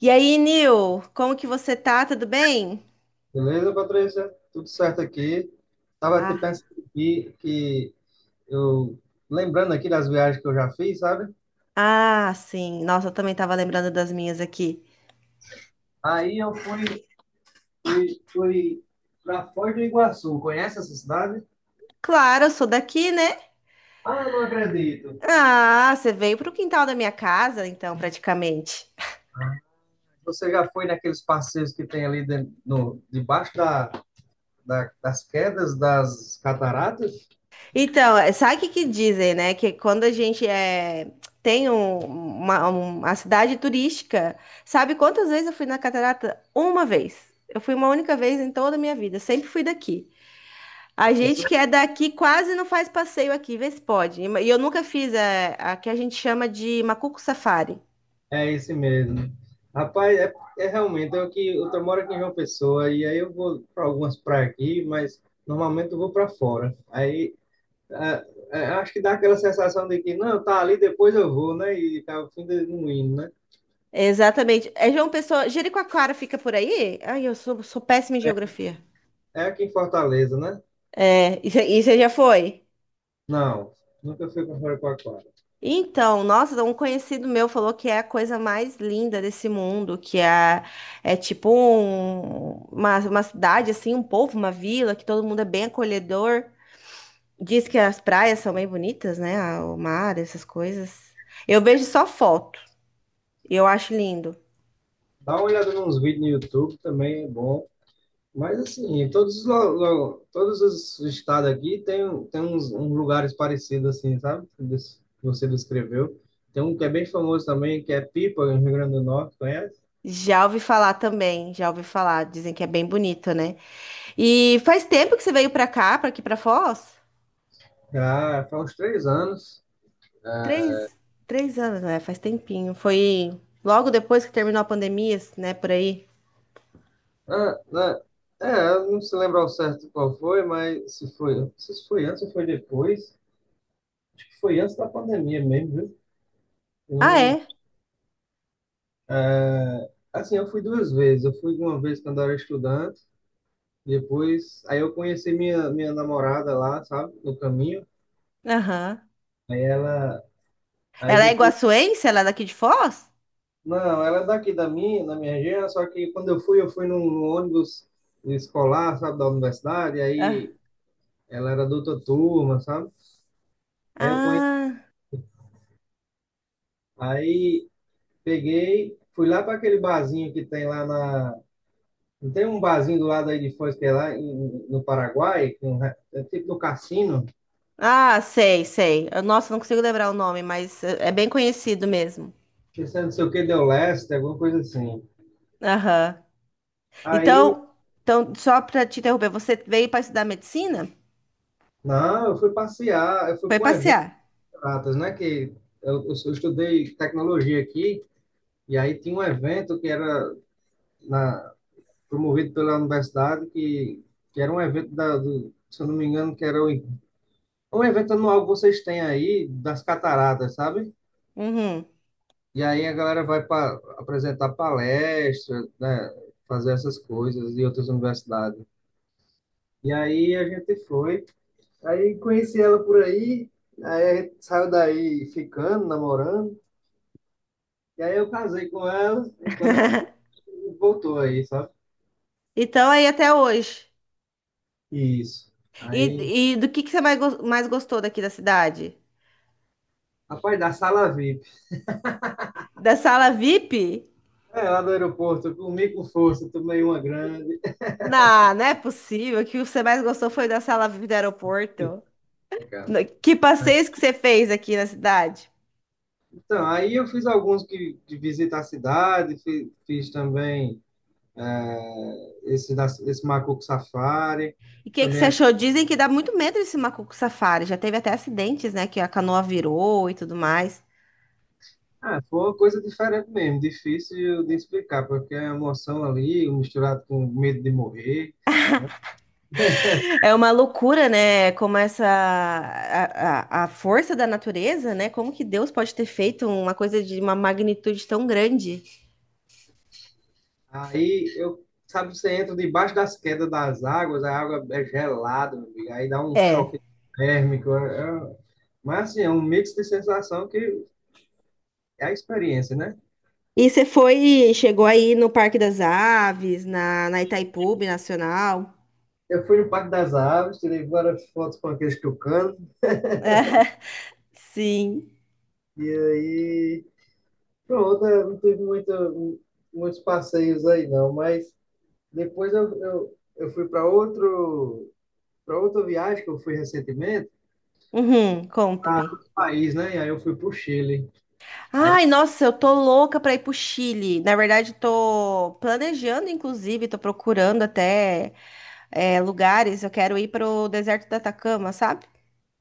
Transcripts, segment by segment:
E aí, Nil, como que você tá? Tudo bem? Beleza, Patrícia? Tudo certo aqui. Estava até Ah, pensando aqui que eu, lembrando aqui das viagens que eu já fiz, sabe? Sim. Nossa, eu também tava lembrando das minhas aqui. Aí eu fui para Foz do Iguaçu. Conhece essa cidade? Claro, eu sou daqui, né? Ah, eu não acredito. Ah, você veio pro quintal da minha casa, então, praticamente. Você já foi naqueles passeios que tem ali dentro, no, debaixo das quedas das cataratas? Então, é, sabe o que que dizem, né? Que quando a gente é, tem uma cidade turística, sabe quantas vezes eu fui na Catarata? Uma vez. Eu fui uma única vez em toda a minha vida. Sempre fui daqui. A gente que é daqui quase não faz passeio aqui, vê se pode. E eu nunca fiz é, a, que a gente chama de Macuco Safari. É esse mesmo. Rapaz, realmente eu que eu tô- moro aqui em João Pessoa e aí eu vou para algumas praias aqui, mas normalmente eu vou para fora. Ah, Acho que dá aquela sensação de que não, tá ali, depois eu vou, né? E tá o fim de não indo, né? Exatamente. É João Pessoa. Jericoacoara fica por aí? Ai, eu sou, sou péssima em geografia. É aqui em Fortaleza, né? É, e você já foi? Não, nunca fui para fora com aquário. Então, nossa, um conhecido meu falou que é a coisa mais linda desse mundo, que é, é tipo uma cidade, assim, um povo, uma vila, que todo mundo é bem acolhedor. Diz que as praias são bem bonitas, né? Ah, o mar, essas coisas. Eu vejo só foto. Eu acho lindo. Dá uma olhada nos vídeos no YouTube também, é bom. Mas assim, em todos todos os estados aqui tem uns, uns lugares parecidos assim, sabe? Que você descreveu. Tem um que é bem famoso também, que é Pipa, no Rio Grande do Norte, conhece? Já ouvi falar também, já ouvi falar. Dizem que é bem bonito, né? E faz tempo que você veio pra cá, pra aqui pra Foz? Já faz uns 3 anos. Três, três anos, né? Faz tempinho. Foi logo depois que terminou a pandemia, né? Por aí. Ah, né? É, eu não se lembro ao certo qual foi, mas se foi antes ou foi depois. Acho que foi antes da pandemia mesmo, viu? Eu Ah, não é? Assim, eu fui 2 vezes. Eu fui uma vez quando eu era estudante. Depois, aí eu conheci minha namorada lá, sabe, no caminho. Aham. Aí ela, aí Ela é depois, iguaçuense? Ela é daqui de Foz? Não, ela é daqui da minha região, só que quando eu fui num ônibus escolar, sabe, da universidade, Ah, aí ela era da outra turma, sabe? Aí eu conheci, ah, aí peguei, fui lá para aquele barzinho que tem não tem um barzinho do lado aí de Foz, que é no Paraguai, que é um é tipo do cassino, Ah, sei, sei. Eu- Nossa, não consigo lembrar o nome, mas é bem conhecido mesmo. que é não sei o que, deu leste, alguma coisa assim. Aham. Aí Então, então, só para te interromper, você veio para estudar medicina? não, eu fui passear, eu fui Foi para um evento, passear. Atas, né? Que eu estudei tecnologia aqui, e aí tinha um evento que era na, promovido pela universidade, que era um evento, se eu não me engano, que era um evento anual que vocês têm aí, das cataratas, sabe? Uhum. E aí a galera vai para apresentar palestra, né? Fazer essas coisas em outras universidades. E aí a gente foi, aí conheci ela por aí, aí a gente saiu daí ficando, namorando. E aí eu casei com ela, e quando eu casei, voltou aí, sabe? Então, aí até hoje. Isso. Aí, E do que você mais, mais gostou daqui da cidade? rapaz, da sala VIP. Da sala VIP? É, lá do aeroporto, eu comi com força, tomei uma grande. Não, não é possível. O que você mais gostou foi da sala VIP do aeroporto. Cara. No- Que passeios que você fez aqui na cidade? Então, aí eu fiz alguns que, de visita à cidade, fiz, também esse, esse Macuco Safari, E o que, que também você a- achou? Dizem que dá muito medo esse macaco safari. Já teve até acidentes, né? Que a canoa virou e tudo mais. ah, foi uma coisa diferente mesmo, difícil de explicar, porque a emoção ali, misturado com medo de morrer. É uma loucura, né? Como essa a força da natureza, né? Como que Deus pode ter feito uma coisa de uma magnitude tão grande? Aí eu, sabe, você entra debaixo das quedas das águas, a água é gelada, meu amigo, aí dá um É. choque térmico. Mas assim, é um mix de sensação que é a experiência, né? E você foi, chegou aí no Parque das Aves, na, na Itaipu Nacional? Eu fui no Parque das Aves, tirei várias fotos com aqueles tucanos, Sim. e aí pronto, é, não teve muitos passeios aí não, mas depois eu fui para outro, para outra viagem que eu fui recentemente, Uhum, para conta-me. outro país, né? E aí eu fui para o Chile. Aí Ai, nossa, eu tô louca pra ir pro Chile. Na verdade, tô planejando, inclusive, tô procurando até é, lugares. Eu quero ir pro deserto da Atacama, sabe?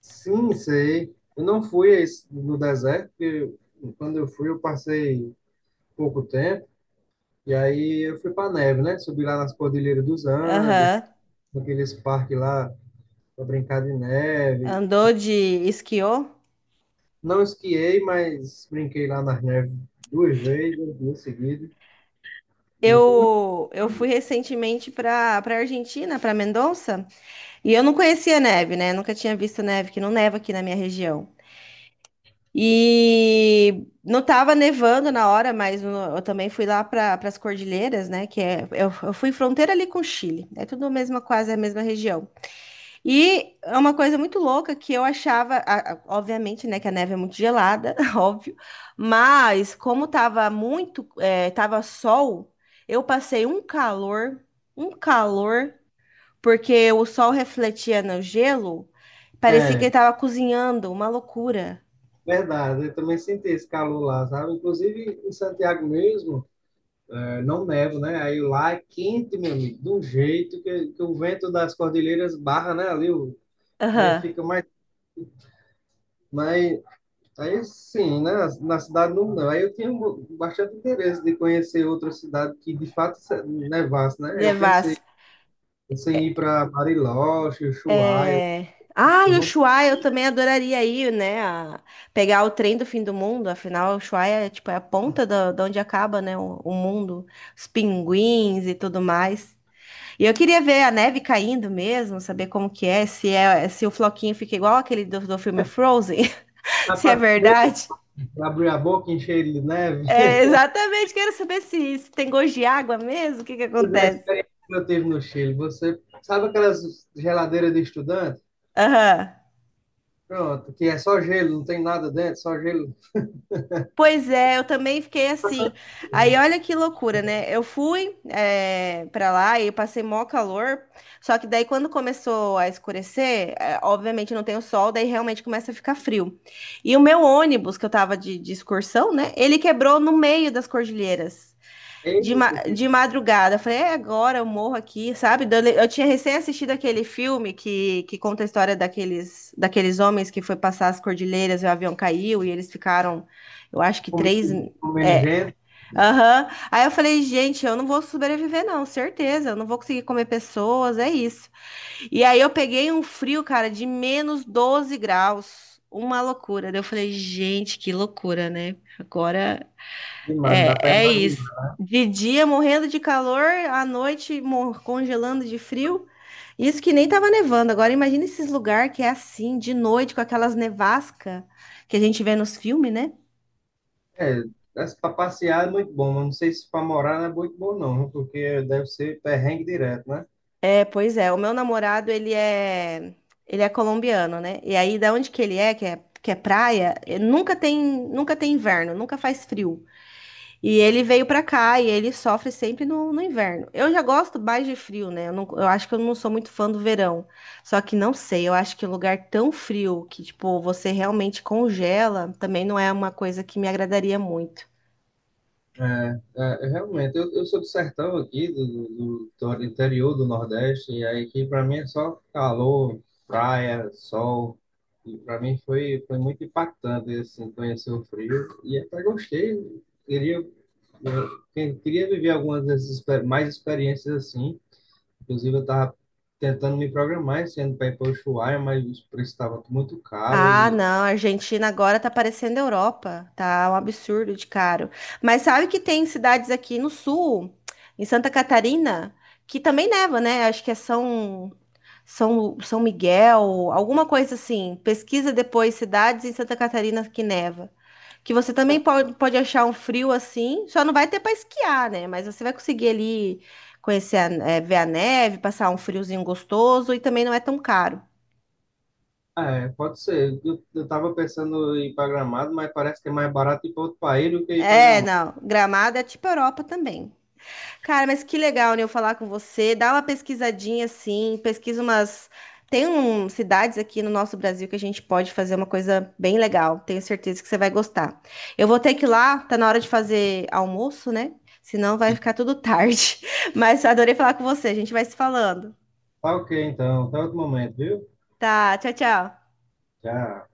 sim, sei. Eu não fui no deserto, porque quando eu fui, eu passei pouco tempo, e aí eu fui para neve, né? Subi lá nas Cordilheiras dos Andes, Aham. naqueles parques lá para brincar de neve. Andou de esquiô? Não esquiei, mas brinquei lá nas neves 2 vezes, 2 dias seguidos. E foi muito... Eu fui recentemente para Argentina, para Mendoza, e eu não conhecia neve, né? Nunca tinha visto neve, que não neva aqui na minha região. E não estava nevando na hora, mas no- eu também fui lá para as Cordilheiras, né? Que é, eu fui fronteira ali com o Chile, é tudo a mesma, quase a mesma região. E é uma coisa muito louca que eu achava, a- obviamente, né, que a neve é muito gelada, óbvio, mas como tava muito, tava sol, eu passei um calor, porque o sol refletia no gelo, parecia que ele É, tava cozinhando, uma loucura. verdade, eu também senti esse calor lá, sabe? Inclusive em Santiago mesmo, é, não neva, né? Aí lá é quente, meu amigo, de um jeito que o vento das cordilheiras barra, né? Ali o. E aí Aham, fica mais, aí sim, né? Na cidade não. Aí eu tinha um bastante interesse de conhecer outra cidade que de fato nevasse, né? Pensei em ir para Bariloche, Ushuaia. é... Ah, Eu e vou Ushuaia, eu também adoraria ir, né? a- Pegar o trem do fim do mundo, afinal, Ushuaia, é, tipo, é a ponta da onde acaba, né? O mundo, os pinguins e tudo mais. E eu queria ver a neve caindo mesmo, saber como que é, se o floquinho fica igual aquele do filme Frozen, se é para verdade. Abrir a boca e encher ele de neve. É, exatamente, quero saber se tem gosto de água mesmo, o que que Pois é, a acontece. experiência que eu tive no Chile. Você sabe aquelas geladeiras de estudante? Aham. Pronto, que é só gelo, não tem nada dentro, só gelo. Pois é, eu também fiquei assim. Aí olha que loucura, né? Eu fui pra lá e passei mó calor. Só que daí quando começou a escurecer, obviamente não tem o sol, daí realmente começa a ficar frio. E o meu ônibus, que eu tava de excursão, né? Ele quebrou no meio das cordilheiras de, ma Eita, que de madrugada. Eu falei, é agora, eu morro aqui, sabe? Dando- Eu tinha recém assistido aquele filme que conta a história daqueles homens que foi passar as cordilheiras e o avião caiu e eles ficaram, eu acho que comi- três. comendo É, gente, aham. Aí eu falei, gente, eu não vou sobreviver, não, certeza, eu não vou conseguir comer pessoas, é isso. E aí eu peguei um frio, cara, de menos 12 graus, uma loucura. Daí eu falei, gente, que loucura, né? Agora demais, não é, dá para é isso. imaginar. De dia morrendo de calor, à noite mor- congelando de frio. Isso que nem tava nevando. Agora imagina esses lugares que é assim, de noite, com aquelas nevasca que a gente vê nos filmes, né? É, para passear é muito bom, mas não sei se para morar não é muito bom não, viu? Porque deve ser perrengue direto, né? É, pois é. O meu namorado, ele é colombiano, né? E aí, da onde que ele é, que é, que é praia, nunca tem, nunca tem inverno, nunca faz frio. E ele veio pra cá e ele sofre sempre no, no inverno. Eu já gosto mais de frio, né? Eu, não- eu acho que eu não sou muito fã do verão. Só que não sei, eu acho que lugar tão frio que, tipo, você realmente congela também não é uma coisa que me agradaria muito. É, Realmente, eu sou do sertão aqui, do interior do Nordeste, e aí que para mim é só calor, praia, sol, e para mim foi muito impactante, assim, conhecer o frio, e até gostei, queria, queria viver algumas dessas mais experiências assim. Inclusive, eu estava tentando me programar esse ano para ir para Ushuaia, mas o preço estava muito caro Ah, e. não, a Argentina agora tá parecendo a Europa, tá um absurdo de caro. Mas sabe que tem cidades aqui no sul, em Santa Catarina, que também neva, né? Acho que é São, São, São Miguel, alguma coisa assim. Pesquisa depois cidades em Santa Catarina que neva. Que você também pode, pode achar um frio assim, só não vai ter para esquiar, né? Mas você vai conseguir ali conhecer, a- eh, ver a neve, passar um friozinho gostoso e também não é tão caro. Ah, é, pode ser. Eu tava pensando em ir para Gramado, mas parece que é mais barato ir para outro país do que ir para É, Gramado. não. Gramado é tipo Europa também. Cara, mas que legal, né, eu falar com você. Dá uma pesquisadinha assim, pesquisa umas. Tem um, cidades aqui no nosso Brasil que a gente pode fazer uma coisa bem legal. Tenho certeza que você vai gostar. Eu vou ter que ir lá, tá na hora de fazer almoço, né? Senão vai ficar tudo tarde. Mas adorei falar com você. A gente vai se falando. Tá ok, então. Até outro momento, viu? Tá, tchau, tchau. Tchau.